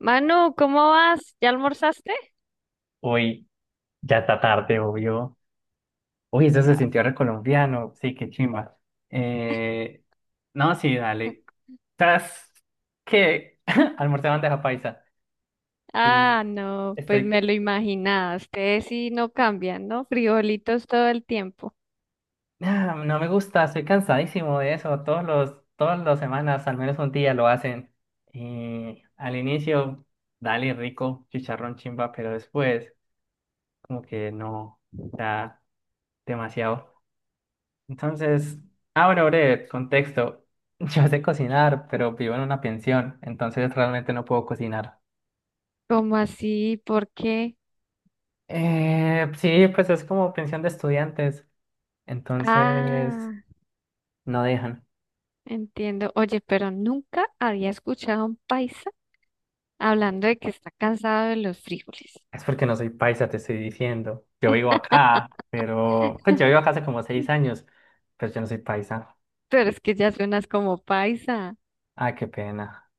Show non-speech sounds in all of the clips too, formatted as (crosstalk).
Manu, ¿cómo vas? ¿Ya almorzaste? Uy, ya está tarde, obvio. Uy, eso se sintió recolombiano. Sí, qué chimba. Eh, no, sí, dale. ¿Sabes qué? (laughs) Almorcé bandeja paisa. Y Ah, no, pues estoy. me lo imaginaba. Ustedes sí no cambian, ¿no? Frijolitos todo el tiempo. Ah, no me gusta, estoy cansadísimo de eso. Todas las semanas, al menos un día lo hacen. Y al inicio, dale rico, chicharrón chimba, pero después, como que no. Está demasiado. Entonces, ah, bueno, breve, contexto. (laughs) Yo sé cocinar, pero vivo en una pensión, entonces realmente no puedo cocinar. ¿Cómo así? ¿Por qué? Sí, pues es como pensión de estudiantes, entonces Ah, no dejan. entiendo. Oye, pero nunca había escuchado a un paisa hablando de que está cansado de los frijoles. Es porque no soy paisa, te estoy diciendo. Yo vivo acá, pero pues yo vivo acá hace como seis (laughs) años, pero yo no soy paisa. Pero es que ya suenas como paisa. Ah, qué pena.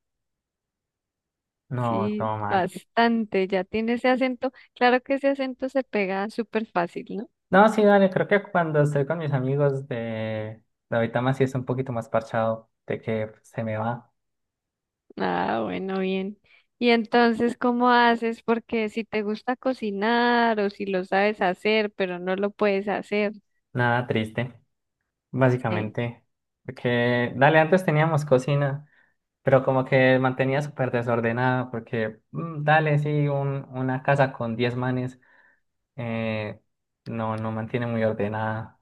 No, Sí, todo mal. bastante. Ya tiene ese acento. Claro que ese acento se pega súper fácil, ¿no? No, sí, dale, creo que cuando estoy con mis amigos de ahorita más sí es un poquito más parchado de que se me va. Ah, bueno, bien. Y entonces, ¿cómo haces? Porque si te gusta cocinar o si lo sabes hacer, pero no lo puedes hacer, Nada triste, sí. básicamente. Porque, dale, antes teníamos cocina, pero como que mantenía súper desordenada, porque, dale, sí, una casa con 10 manes eh, no, no mantiene muy ordenada.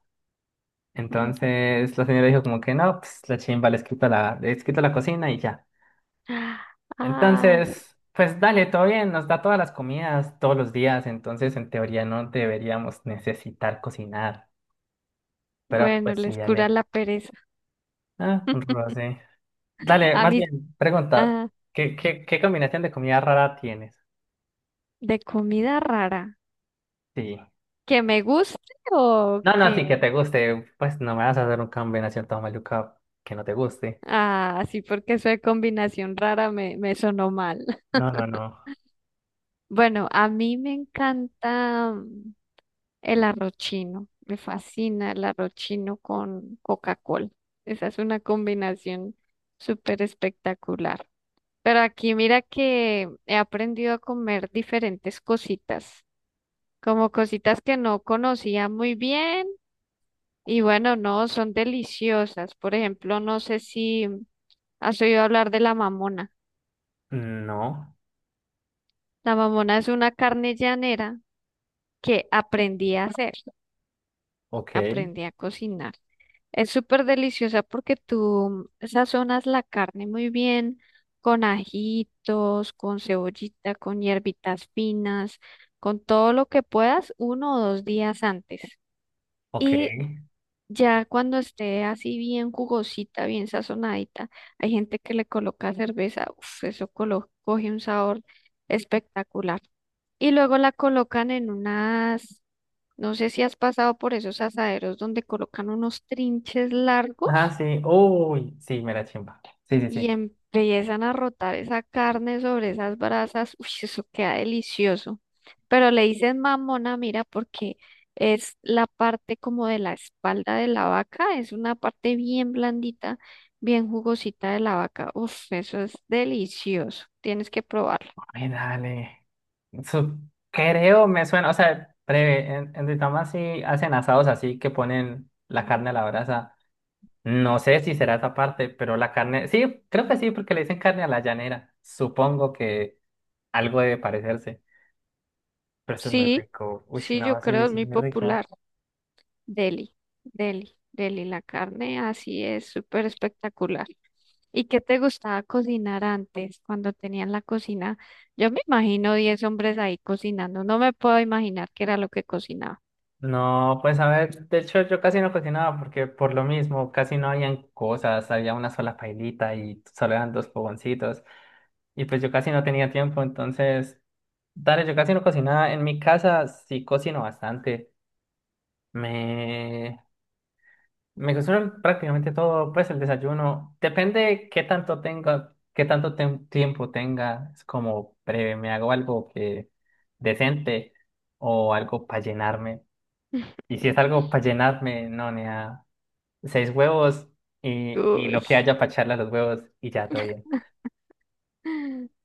Ujú. Entonces la señora dijo como que no, pues la chimba, les quito la cocina y ya. Ay, Entonces, pues dale, todo bien, nos da todas las comidas todos los días, entonces en teoría no deberíamos necesitar cocinar, pero bueno, pues sí, les cura dale. la pereza. Ah, un roce. Dale, A más mí, bien, pregunta, ah, ¿ qué combinación de comida rara tienes? de comida rara, Sí. que me guste o No, no, sí, que que, te guste, pues no me vas a hacer una combinación tan maluca que no te guste. ah, sí, porque eso de combinación rara me sonó mal. (laughs) No, no, no. Bueno, a mí me encanta. El arrochino, me fascina el arrochino con Coca-Cola. Esa es una combinación súper espectacular. Pero aquí mira que he aprendido a comer diferentes cositas, como cositas que no conocía muy bien y bueno, no, son deliciosas. Por ejemplo, no sé si has oído hablar de la mamona. No, La mamona es una carne llanera que aprendí a hacer, ok, aprendí a cocinar. Es súper deliciosa porque tú sazonas la carne muy bien con ajitos, con cebollita, con hierbitas finas, con todo lo que puedas uno o dos días antes. Y ok. ya cuando esté así bien jugosita, bien sazonadita, hay gente que le coloca cerveza, uf, eso coge un sabor espectacular. Y luego la colocan en unas, no sé si has pasado por esos asaderos donde colocan unos trinches Ajá, largos. sí, uy, sí, me la chimba. Sí, sí, Y sí. empiezan a rotar esa carne sobre esas brasas, uy, eso queda delicioso. Pero le dicen mamona, mira, porque es la parte como de la espalda de la vaca, es una parte bien blandita, bien jugosita de la vaca. Uf, eso es delicioso, tienes que probarlo. Ay, dale. Su- Creo, me suena, o sea, breve, en Duitama sí hacen asados así que ponen la carne a la brasa. No sé si será esa parte, pero la carne, sí, creo que sí, porque le dicen carne a la llanera. Supongo que algo debe parecerse, pero eso es muy Sí, rico. Uy, sí, yo no, sí, creo es eso es muy muy popular. rico. Deli, deli, la carne así es súper espectacular. ¿Y qué te gustaba cocinar antes, cuando tenían la cocina? Yo me imagino 10 hombres ahí cocinando. No me puedo imaginar qué era lo que cocinaba. No, pues a ver, de hecho yo casi no cocinaba porque por lo mismo casi no habían cosas, había una sola pailita y solo eran dos fogoncitos y pues yo casi no tenía tiempo, entonces, dale, yo casi no cocinaba. En mi casa sí cocino bastante. Me Me cocino prácticamente todo, pues el desayuno. Depende qué tanto tenga, qué tanto tiempo tenga. Es como breve, me hago algo que decente o algo para llenarme. Y (laughs) si es algo para llenarme, no, ni a seis huevos y Uy. lo que haya para echarle a los huevos y ya todo bien.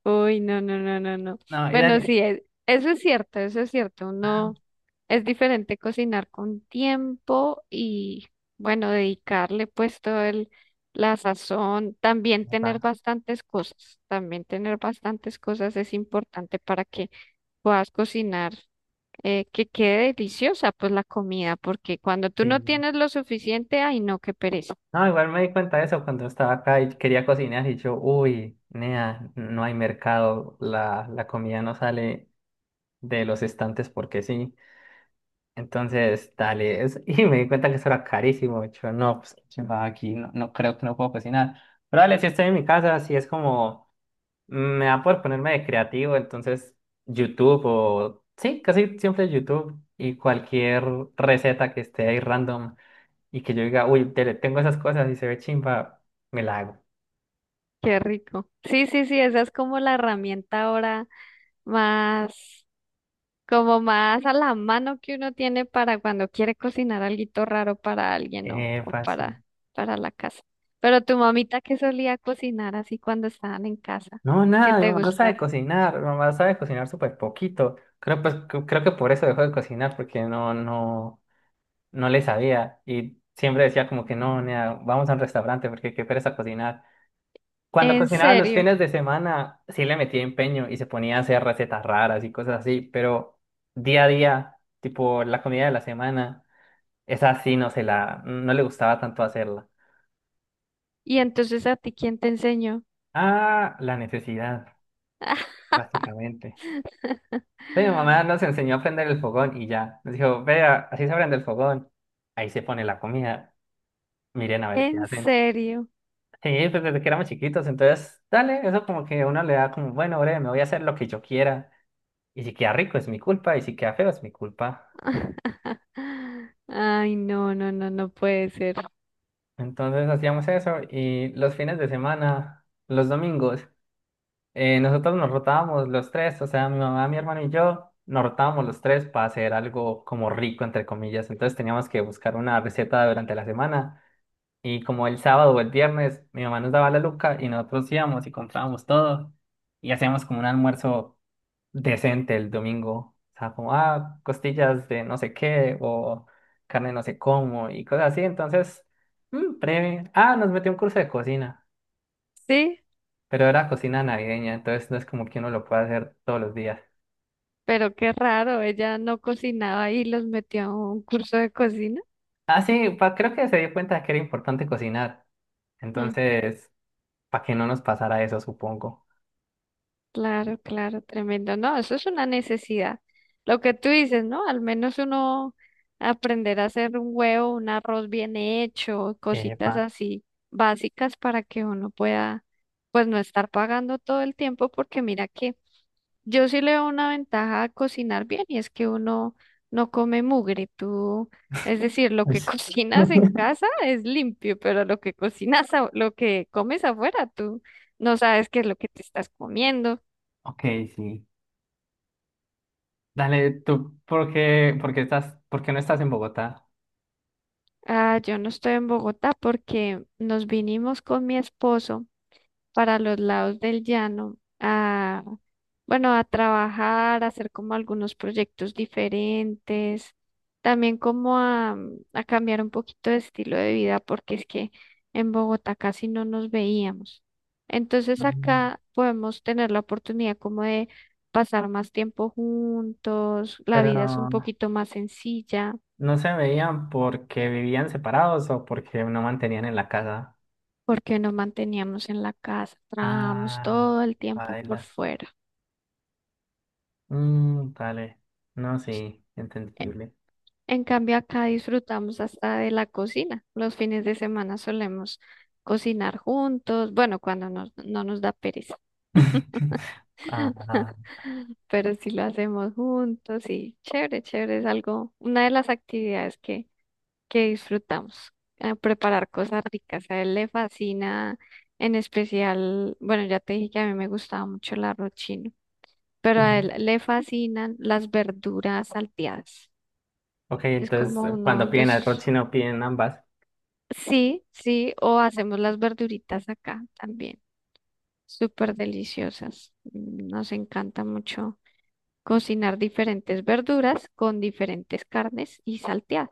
Uy, no. No, y Bueno, dale. sí, eso es cierto, eso es cierto. Ah, Uno. Es diferente cocinar con tiempo y, bueno, dedicarle pues todo el, la sazón, también tener papá, bastantes cosas, también tener bastantes cosas es importante para que puedas cocinar, que quede deliciosa pues la comida, porque cuando tú no sí. tienes lo suficiente, ay no, qué pereza. No, igual me di cuenta de eso cuando estaba acá y quería cocinar y yo, uy, nea, no hay mercado, la comida no sale de los estantes porque sí. Entonces, dale, (laughs) y me di cuenta que eso era carísimo. Yo, no, pues qué chimba, aquí no, no creo que no puedo cocinar. Pero dale, si estoy en mi casa, si es como, me da por ponerme de creativo, entonces YouTube o, sí, casi siempre YouTube y cualquier receta que esté ahí random y que yo diga, uy, tengo esas cosas y se ve chimba, me la hago. Qué rico. Sí, sí, sí, esa es como la herramienta ahora más. Como más a la mano que uno tiene para cuando quiere cocinar alguito raro para alguien o, o Fácil. Para la casa. Pero tu mamita que solía cocinar así cuando estaban en casa, No, ¿qué nada, mi te mamá no sabe gustara. cocinar, mi mamá sabe cocinar súper poquito. Creo, pues, creo que por eso dejó de cocinar, porque no, no, no le sabía. Y siempre decía como que no, nea, vamos a un restaurante porque qué pereza cocinar. Cuando En cocinaba los serio. fines de semana, sí le metía empeño y se ponía a hacer recetas raras y cosas así, pero día a día, tipo la comida de la semana, esa sí no se la, no le gustaba tanto hacerla. ¿Y entonces a ti quién te enseñó? Ah, la necesidad, básicamente. Sí, mi mamá (laughs) nos enseñó a prender el fogón y ya. Nos dijo, vea, así se prende el fogón. Ahí se pone la comida. Miren a ver qué En hacen. serio. Sí, pues desde que éramos chiquitos, entonces, dale, eso como que uno le da como, bueno, breve, me voy a hacer lo que yo quiera. Y si queda rico es mi culpa, y si queda feo es mi culpa. (laughs) Ay, no, no puede ser. Entonces hacíamos eso y los fines de semana, los domingos, nosotros nos rotábamos los tres, o sea, mi mamá, mi hermano y yo. Nos rotábamos los tres para hacer algo como rico, entre comillas. Entonces teníamos que buscar una receta durante la semana. Y como el sábado o el viernes, mi mamá nos daba la luca y nosotros íbamos y comprábamos todo y hacíamos como un almuerzo decente el domingo. O sea, como, ah, costillas de no sé qué o carne no sé cómo y cosas así. Entonces, breve. Ah, nos metió un curso de cocina, Sí, pero era cocina navideña, entonces no es como que uno lo pueda hacer todos los días. pero qué raro, ella no cocinaba y los metió a un curso de cocina. Ah, sí, creo que se dio cuenta de que era importante cocinar. Mm. Entonces, para que no nos pasara eso, supongo. Claro, claro, tremendo. No, eso es una necesidad. Lo que tú dices, ¿no? Al menos uno aprender a hacer un huevo, un arroz bien hecho, Epa. cositas así básicas para que uno pueda, pues no estar pagando todo el tiempo, porque mira que yo sí le veo una ventaja a cocinar bien y es que uno no come mugre. Tú, es decir, lo Uy. que (laughs) cocinas en (laughs) casa es limpio, pero lo que cocinas, lo que comes afuera, tú no sabes qué es lo que te estás comiendo. Ok, sí. Dale, tú, ¿ por qué estás, por qué no estás en Bogotá? Ah, yo no estoy en Bogotá porque nos vinimos con mi esposo para los lados del llano a, bueno, a trabajar, a hacer como algunos proyectos diferentes, también como a cambiar un poquito de estilo de vida porque es que en Bogotá casi no nos veíamos. Entonces Mm. acá podemos tener la oportunidad como de pasar más tiempo juntos, la Pero vida es un poquito más sencilla. no se veían porque vivían separados o porque no mantenían en la casa. Porque nos manteníamos en la casa, trabajamos Ah, no. todo el tiempo por Bailas. fuera. Mm, dale. No, sí, entendible. En cambio, acá disfrutamos hasta de la cocina. Los fines de semana solemos cocinar juntos, bueno, cuando no nos da pereza, (laughs) Ah, (laughs) pero sí lo hacemos juntos y chévere, chévere, es algo, una de las actividades que disfrutamos, preparar cosas ricas. A él le fascina, en especial, bueno, ya te dije que a mí me gustaba mucho el arroz chino. Pero a ujú. él le fascinan las verduras salteadas. Ok, Es entonces como uno cuando de piden sus... arroz chino piden ambas. Sí, sí, o hacemos las verduritas acá también, súper deliciosas. Mm, nos encanta mucho cocinar diferentes verduras con diferentes carnes y salteadas.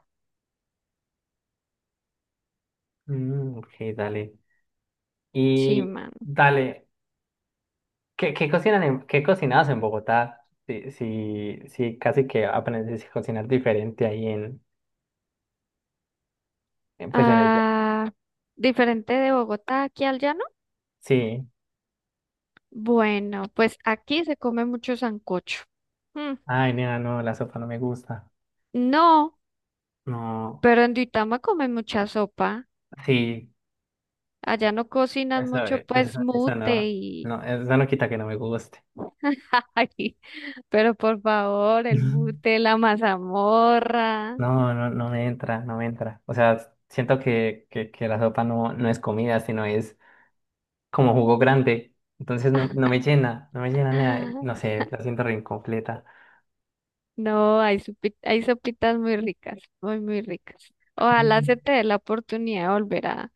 Mm, ok, dale. Sí, Y mano. dale. ¿Qué cocinan en, qué cocinabas en Bogotá? Sí, sí, sí, casi que aprendes a cocinar diferente ahí en, pues en el... Ah, diferente de Bogotá aquí al llano. Sí. Bueno, pues aquí se come mucho sancocho. Mm, Ay, nena, no, la sopa no me gusta. no, No, pero en Duitama comen mucha sopa. sí, Allá no cocinan eso, mucho, pues eso no, mute y... no, eso no quita que no me guste. (laughs) Ay, pero por favor, el Ujú. mute, la mazamorra. No, no, no me entra, no me entra. O sea, siento que la sopa no, no es comida, sino es como jugo grande. Entonces no, no me llena, no me llena nada. No (laughs) sé, la siento re incompleta. No, hay, sopi, hay sopitas muy ricas, muy ricas. Ojalá se te dé la oportunidad de volver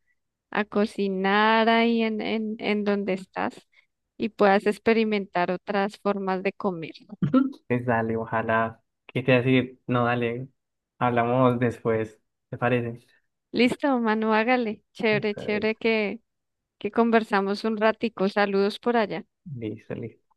a cocinar ahí en donde estás y puedas experimentar otras formas de comer. (laughs) Ujú. Pues dale, ojalá. ¿Qué te iba a decir? No, dale. Hablamos después. ¿Te parece? Listo, Manu, hágale. Chévere, Listo, chévere que conversamos un ratico. Saludos por allá. listo, listo.